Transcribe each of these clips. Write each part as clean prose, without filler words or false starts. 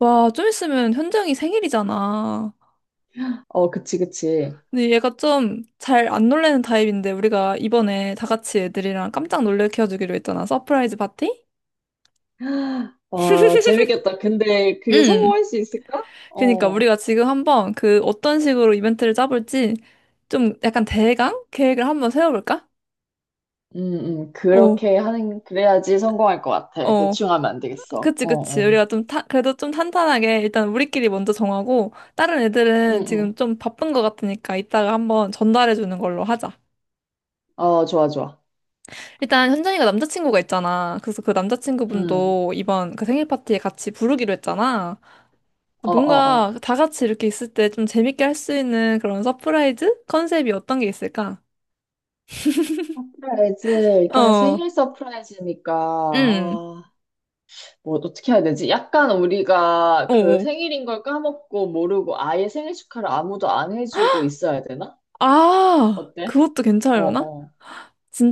와, 좀 있으면 현정이 생일이잖아. 어, 그치, 그치. 근데 얘가 좀 잘 안 놀래는 타입인데 우리가 이번에 다 같이 애들이랑 깜짝 놀래켜주기로 했잖아. 서프라이즈 파티? 와, 재밌겠다. 근데 그게 응. 성공할 수 있을까? 그니까 어, 우리가 지금 한번 그 어떤 식으로 이벤트를 짜볼지 좀 약간 대강 계획을 한번 세워볼까? 오, 그래야지 성공할 것 같아. 어. 대충 하면 안 되겠어. 그치, 어, 그치. 어. 우리가 그래도 좀 탄탄하게 일단 우리끼리 먼저 정하고 다른 응, 애들은 지금 응. 좀 바쁜 것 같으니까 이따가 한번 전달해주는 걸로 하자. 어, 좋아, 좋아. 일단 현정이가 남자친구가 있잖아. 그래서 그 응, 남자친구분도 이번 그 생일 파티에 같이 부르기로 했잖아. 어, 어, 어. 뭔가 다 같이 이렇게 있을 때 좀 재밌게 할 수 있는 그런 서프라이즈 컨셉이 어떤 게 있을까? 서프라이즈, 일단 어, 생일 서프라이즈니까, 응... 아, 뭐, 어떻게 해야 되지? 약간 우리가 어, 그 어. 생일인 걸 까먹고 모르고 아예 생일 축하를 아무도 안 해주고 있어야 되나? 아, 어때? 그것도 어, 괜찮으려나? 어.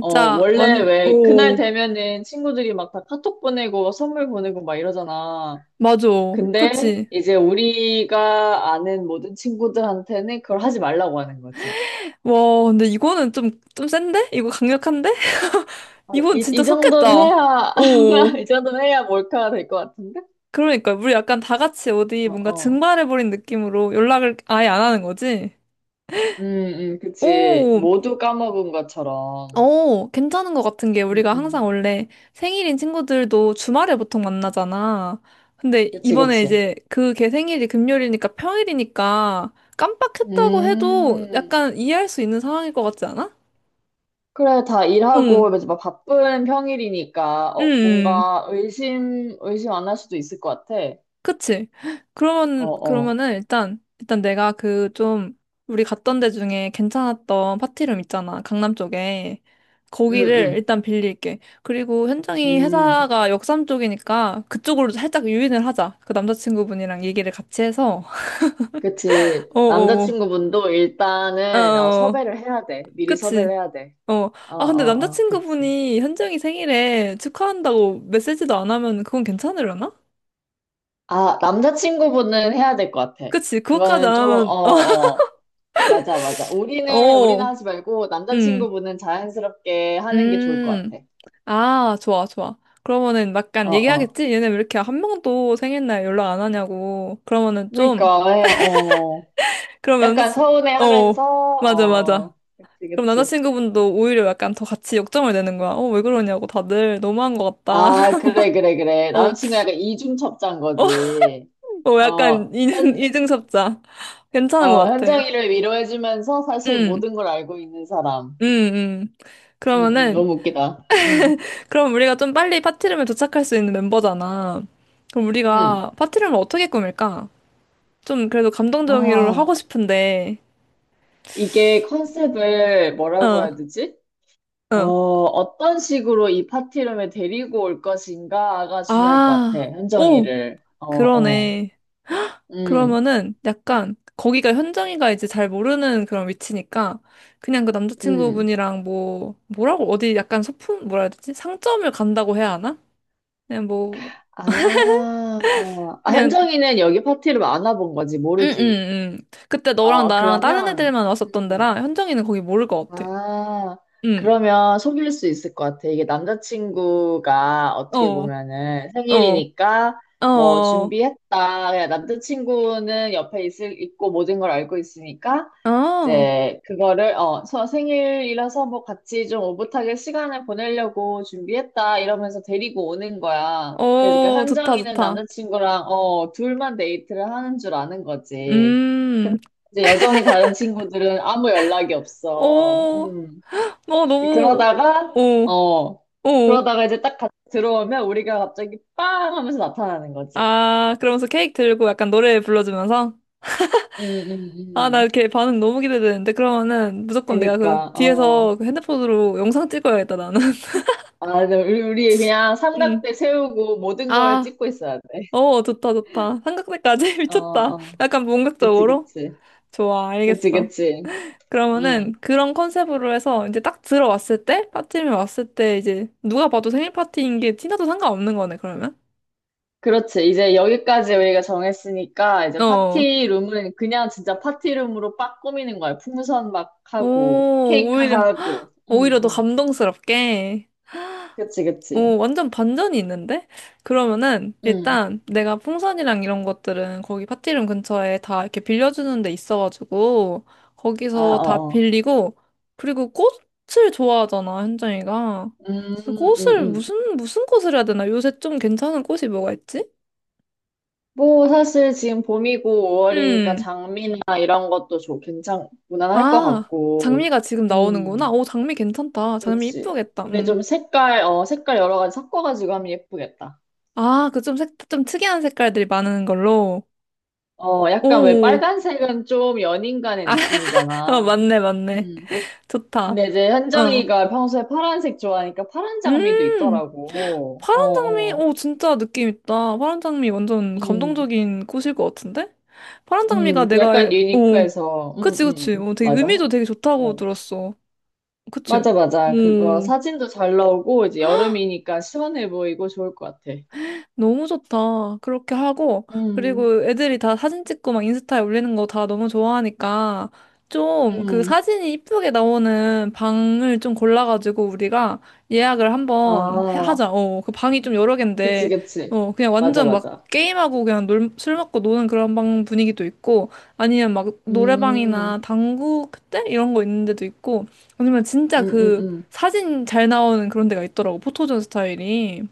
어, 원래 완, 왜 그날 오, 되면은 친구들이 막 다 카톡 보내고 선물 보내고 막 이러잖아. 맞아. 근데 그치. 이제 우리가 아는 모든 친구들한테는 그걸 하지 말라고 하는 거지. 와, 근데 이거는 좀 센데? 이거 강력한데? 아, 이건 이, 진짜 이 정도는 속겠다. 해야, 오오... 이 정도는 해야 몰카가 될 것 같은데? 그러니까 우리 약간 다 같이 어디 어, 뭔가 어. 증발해버린 느낌으로 연락을 아예 안 하는 거지? 음, 그치. 오, 모두 까먹은 것처럼. 오, 괜찮은 것 같은 게 음, 우리가 항상 음. 원래 생일인 친구들도 주말에 보통 만나잖아. 근데 그치, 이번에 그치. 이제 그 걔 생일이 금요일이니까 평일이니까 깜빡했다고 해도 음. 약간 이해할 수 있는 상황일 것 같지 않아? 그래, 다 응, 일하고 이제 막 바쁜 평일이니까 어, 응, 뭔가 의심 안 할 수도 있을 것 같아. 그치? 어, 어. 그러면은 일단 내가 그 좀, 우리 갔던 데 중에 괜찮았던 파티룸 있잖아. 강남 쪽에. 음, 거기를 음. 일단 빌릴게. 그리고 현정이 음. 회사가 역삼 쪽이니까 그쪽으로 살짝 유인을 하자. 그 남자친구분이랑 얘기를 같이 해서. 그치. 어어어. 남자친구분도 어, 어, 일단은 어, 어, 섭외를 해야 돼. 미리 섭외를 그치? 해야 돼. 어. 어, 어, 아, 근데 어. 그치. 남자친구분이 현정이 생일에 축하한다고 메시지도 안 하면 그건 괜찮으려나? 아, 남자친구분은 해야 될 것 같아. 그치? 그것까지 안 그거는 좀, 어, 하면, 어. 맞아, 맞아. 어, 우리는 어. 하지 말고 음. 남자친구분은 자연스럽게 하는 게 좋을 것 음. 같아. 아, 좋아, 좋아. 그러면은 어, 약간 어. 얘기하겠지? 얘네 왜 이렇게 한 명도 생일날 연락 안 하냐고. 그러면은 좀, 그러니까 어. 그럼 약간 남자친, 서운해하면서 어, 맞아, 맞아. 어 그치 그럼 그치 남자친구분도 오히려 약간 더 같이 역정을 내는 거야. 어, 왜 그러냐고. 다들 너무한 것 같다. 아 그래 그래 그래 어, 남친과 약간 이중첩자인 어, 거지 어, 어현 약간 이중섭자. 괜찮은 어, 것 같아. 현정이를 위로해주면서 사실 응, 모든 걸 알고 있는 사람 응, 응. 응 응 그러면은, 너무 웃기다 그럼 우리가 좀 빨리 파티룸에 도착할 수 있는 멤버잖아. 그럼 응 응 아 우리가 파티룸을 어떻게 꾸밀까? 좀 그래도 감동적으로 하고 싶은데, 이게 컨셉을 뭐라고 어, 해야 되지 어 어. 어떤 식으로 이 파티룸에 데리고 올 것인가가 중요할 것 같아 아, 오, 현정이를 어어 그러네. 음 그러면은 약간 거기가 현정이가 이제 잘 모르는 그런 위치니까 그냥 그 음. 남자친구분이랑 뭐라고 어디 약간 소품, 뭐라 해야 되지? 상점을 간다고 해야 하나? 그냥 뭐, 아, 아, 그냥, 현정이는 여기 파티를 안 와본 거지, 응, 응, 모르지. 응. 그때 너랑 어, 나랑 다른 그러면, 애들만 왔었던 데라 음, 현정이는 거기 모를 것 같아. 아, 응, 그러면 속일 수 있을 것 같아. 이게 남자친구가 어떻게 어, 보면은 어, 생일이니까 뭐 어, 준비했다. 그냥 남자친구는 옆에 있고 모든 걸 알고 있으니까 어, 이제 그거를, 어, 서 생일이라서 뭐 같이 좀 오붓하게 시간을 보내려고 준비했다. 이러면서 데리고 오는 거야. 그러니까 어, 좋다, 현정이는 좋다. 남자친구랑, 어, 둘만 데이트를 하는 줄 아는 거지. 음. 이제 여전히 다른 친구들은 아무 연락이 없어. 오, 음. 너 너무, 그러다가, 오, 어, 오. 그러다가 이제 딱 들어오면 우리가 갑자기 빵 하면서 나타나는 거지. 아, 그러면서 케이크 들고 약간 노래 불러주면서? 음, 음, 아, 나 음. 이렇게 반응 너무 기대되는데? 그러면은 무조건 내가 그 그러니까, 어. 뒤에서 그 핸드폰으로 영상 찍어야겠다, 나는. 아, 근데 우리 그냥 음. 삼각대 세우고 모든 걸 아, 찍고 있어야 돼. 어, 좋다, 좋다. 삼각대까지? 어, 미쳤다. 어. 약간 그치, 본격적으로? 그치. 좋아, 그치, 알겠어. 그치. 그러면은 음. 그런 컨셉으로 해서 이제 딱 들어왔을 때, 빠티이 왔을 때 이제 누가 봐도 생일 파티인 게 티나도 상관없는 거네, 그러면? 그렇지. 이제 여기까지 우리가 정했으니까 이제 어. 파티룸은 그냥 진짜 파티룸으로 빡 꾸미는 거야. 풍선 막 오, 하고 케이크 오히려, 헉, 하고. 오히려 더 감동스럽게. 그치, 그치. 오, 완전 반전이 있는데? 음. 내가 풍선이랑 이런 것들은 거기 파티룸 근처에 다 이렇게 빌려주는 데 있어가지고, 아, 거기서 다 어, 어. 빌리고, 그리고 꽃을 좋아하잖아, 현정이가. 음, 그래서 음, 꽃을, 음. 무슨 꽃을 해야 되나? 요새 좀 괜찮은 꽃이 뭐가 있지? 뭐 사실 지금 봄이고 5월이니까 음, 장미나 이런 것도 좀 괜찮 무난할 것 아, 같고. 장미가 지금 나오는구나. 음. 오, 장미 괜찮다. 장미 그치. 이쁘겠다. 근데 음. 좀 색깔 어 색깔 여러 가지 섞어가지고 하면 예쁘겠다. 아, 좀 특이한 색깔들이 많은 걸로. 어, 약간 왜 오, 빨간색은 좀 연인간의 아, 어, 느낌이잖아. 맞네, 맞네. 음. 좋다. 근데 이제 어. 현정이가 평소에 파란색 좋아하니까 파란 장미도 음, 있더라고. 어, 파란 장미, 어. 오, 진짜 느낌 있다. 파란 장미 완전 음, 감동적인 꽃일 것 같은데? 파란 장미가 그 내가 알, 약간 오, 유니크해서, 그치, 그치. 어, 되게 맞아. 의미도 되게 좋다고 어. 들었어. 그치? 맞아, 맞아. 그거 오. 사진도 잘 나오고, 이제 여름이니까 시원해 보이고 좋을 것 같아. 너무 좋다. 그렇게 하고, 음, 그리고 애들이 다 사진 찍고 막 인스타에 올리는 거 다 너무 좋아하니까, 좀 그 음. 사진이 이쁘게 나오는 방을 좀 골라가지고 우리가 예약을 한번 아, 하자. 어, 그 방이 좀 여러 그치, 갠데, 그치. 어, 그냥 맞아, 완전 막 맞아. 게임하고 그냥 놀, 술 먹고 노는 그런 방 분위기도 있고, 아니면 막 음, 노래방이나 당구 그때? 이런 거 있는 데도 있고, 아니면 진짜 음, 음, 그 음. 사진 잘 나오는 그런 데가 있더라고. 포토존 스타일이.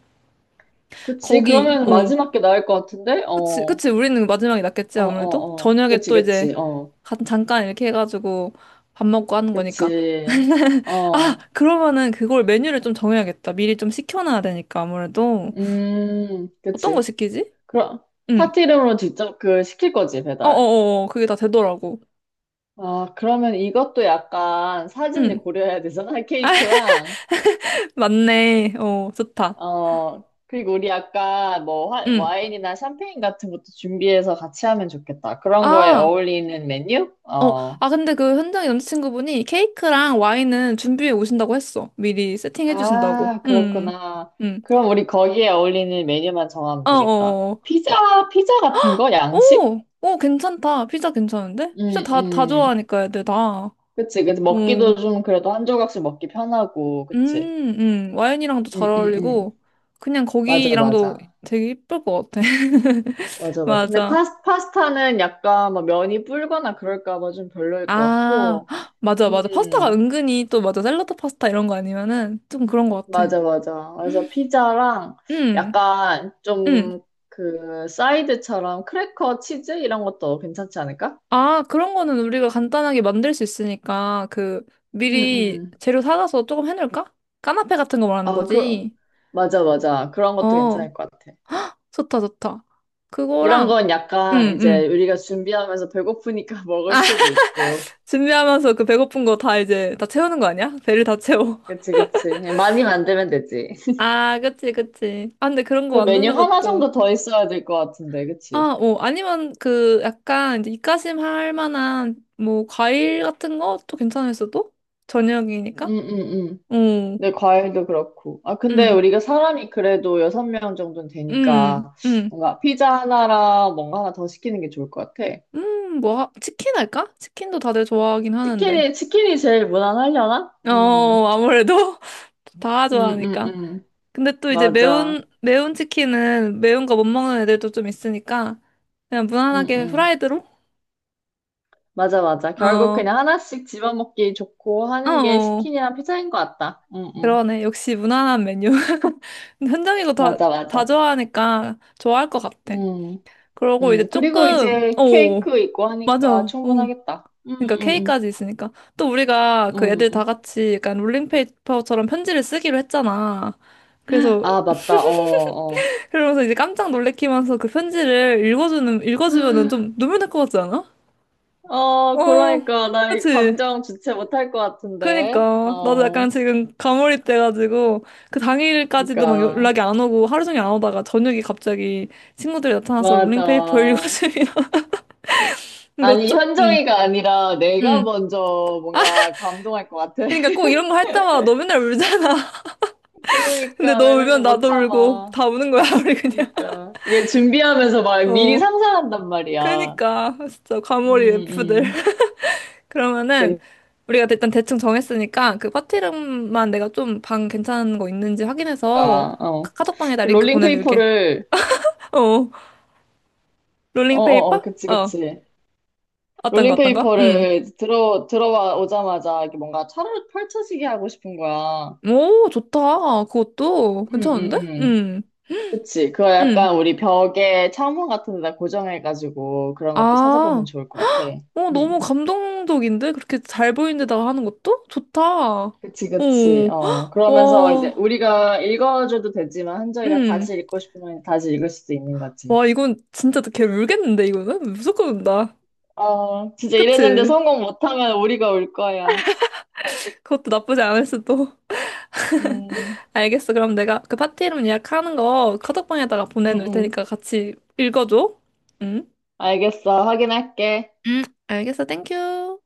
그치. 거기, 그러면 어. 마지막 게 나을 것 같은데? 어, 그치, 어, 그치. 우리는 마지막이 낫겠지, 어, 아무래도. 어. 저녁에 그치, 또 이제 그치. 어, 잠깐 이렇게 해가지고 밥 먹고 하는 거니까. 그치. 아, 어, 그러면은 그걸 메뉴를 좀 정해야겠다. 미리 좀 시켜놔야 되니까, 아무래도. 어떤 거 그치. 시키지? 그럼, 응. 파티 이름으로 직접 그 시킬 거지, 배달. 어어어, 그게 다 되더라고. 아, 그러면 이것도 약간 사진을 응. 고려해야 되잖아, 케이크랑. 맞네. 어, 좋다. 어, 그리고 우리 약간 뭐 응. 와인이나 샴페인 같은 것도 준비해서 같이 하면 좋겠다. 그런 거에 아, 어울리는 메뉴? 어, 어. 아, 근데 그 현장 남자친구분이 케이크랑 와인은 준비해 오신다고 했어. 미리 세팅해 주신다고. 아, 응. 그렇구나. 응. 그럼 우리 거기에 어울리는 메뉴만 정하면 되겠다. 어어어. 피자 같은 거? 오, 양식? 오, 괜찮다. 피자 괜찮은데? 음, 피자 다 음. 좋아하니까 애들 다. 그치. 그래서 오, 먹기도 좀 그래도 한 조각씩 먹기 편하고, 그치. 와인이랑도 음, 잘 음, 음. 어울리고, 그냥 맞아, 거기랑도 맞아. 되게 이쁠 것 같아. 맞아, 맞아. 근데 맞아. 파스, 파스타는 약간 뭐 면이 불거나 그럴까 봐 좀 별로일 것 아, 같고, 헉, 맞아, 맞아. 파스타가 음, 은근히 또 맞아. 샐러드 파스타 이런 거 아니면은 좀 그런 것 같아. 맞아, 맞아. 그래서 피자랑 음, 약간 음. 좀 그 사이드처럼 크래커 치즈 이런 것도 괜찮지 않을까? 아, 그런 거는 우리가 간단하게 만들 수 있으니까, 그, 음, 미리 음. 재료 사가서 조금 해놓을까? 까나페 같은 거 말하는 아, 그, 거지. 맞아, 맞아. 그런 것도 어, 괜찮을 것 같아. 좋다, 좋다. 이런 건 그거랑, 약간 응, 이제 응. 우리가 준비하면서 배고프니까 먹을 수도 있고. 준비하면서 그 배고픈 거 다 이제 다 채우는 거 아니야? 배를 다 채워. 그치, 그치. 많이 만들면 되지. 아, 그치, 그치. 아, 근데 그런 거 그 메뉴 만드는 하나 것도. 정도 더 있어야 될 것 같은데, 아, 그치? 어, 아니면 그 약간 이제 입가심 할 만한 뭐 과일 같은 것도 괜찮을 수도? 저녁이니까? 응, 응, 응. 어, 근데 과일도 그렇고. 아, 근데 응, 우리가 사람이 그래도 여섯 명 정도는 응, 되니까 응. 뭔가 피자 하나랑 뭔가 하나 더 시키는 게 좋을 것 같아. 뭐, 치킨 할까? 치킨도 다들 좋아하긴 하는데. 치킨이 제일 무난하려나? 어, 응, 아무래도 다 응, 응, 좋아하니까. 응. 근데 또 이제 맞아. 매운 치킨은 매운 거 못 먹는 애들도 좀 있으니까 그냥 응, 무난하게 응. 후라이드로? 맞아, 맞아. 어, 결국 어, 그냥 하나씩 집어먹기 좋고 하는 게 어. 치킨이랑 피자인 것 같다. 응, 응. 그러네. 역시 무난한 메뉴. 현정이고 다, 맞아, 다 맞아. 좋아하니까 좋아할 것 같아. 응, 그러고 응. 이제 그리고 조금, 이제 어, 케이크 있고 맞아. 하니까 어. 충분하겠다. 응, 그러니까 응, K까지 있으니까. 또 우리가 그 응. 애들 다 응. 같이 약간 롤링페이퍼처럼 편지를 쓰기로 했잖아. 그래서, 아, 맞다. 어, 어. 그러면서 이제 깜짝 놀래키면서 그 편지를 읽어주면은 좀 눈물 날 것 같지 않아? 어, 어, 그러니까 나이 그치. 감정 주체 못할 것 같은데. 그니까. 나도 어, 약간 지금 가몰입 돼가지고, 그 당일까지도 막 그러니까 연락이 안 오고, 하루 종일 안 오다가, 저녁에 갑자기 친구들이 나타나서 롤링페이퍼 맞아. 읽어주면, 몇 아니 주, 응, 현정이가 아니라 내가 응. 먼저 뭔가 감동할 것 같아. 그니까 꼭 이런 거 할 때마다 너 맨날 울잖아. 근데 그러니까 너 나 이런 울면 거 못 나도 울고, 참아. 다 우는 거야, 우리 그냥. 그러니까 얘 준비하면서 막 미리 어, 상상한단 말이야. 그니까. 진짜 음, 가몰입 F들. 음. 그러면은, 우리가 일단 대충 정했으니까, 그 파티룸만 내가 좀 방 괜찮은 거 있는지 확인해서, 그러니까 어. 카톡방에다 링크 보내줄게. 롤링페이퍼를 어, 어, 어, 롤링페이퍼? 어, 그치, 어, 그치. 어떤 거? 음. 롤링페이퍼를 들어와 오자마자 이렇게 뭔가 차를 펼쳐지게 하고 싶은 거야. 오, 좋다. 그것도 음, 괜찮은데? 음, 음. 그치. 그거 음. 약간 우리 벽에 창문 같은 데다 고정해가지고 그런 것도 찾아보면 아, 좋을 것 같아. 어, 너무 음. 감동적인데? 그렇게 잘 보이는 데다가 하는 것도? 좋다. 어, 그치, 그치. 어, 헉, 그러면서 이제 와, 우리가 읽어줘도 되지만 한정이가 음. 다시 읽고 싶으면 다시 읽을 수도 있는 거지. 와, 이건 진짜 걔 울겠는데, 이거는? 무조건 운다. 어, 진짜 이랬는데 그치? 성공 못하면 우리가 올 거야. 그것도 나쁘지 않을 수도. 음, 알겠어. 그럼 내가 그 파티 이름 예약하는 거 카톡방에다가 음, 보내놓을 음. 테니까 같이 읽어줘. 응? 알겠어. 확인할게. 알겠어. 땡큐.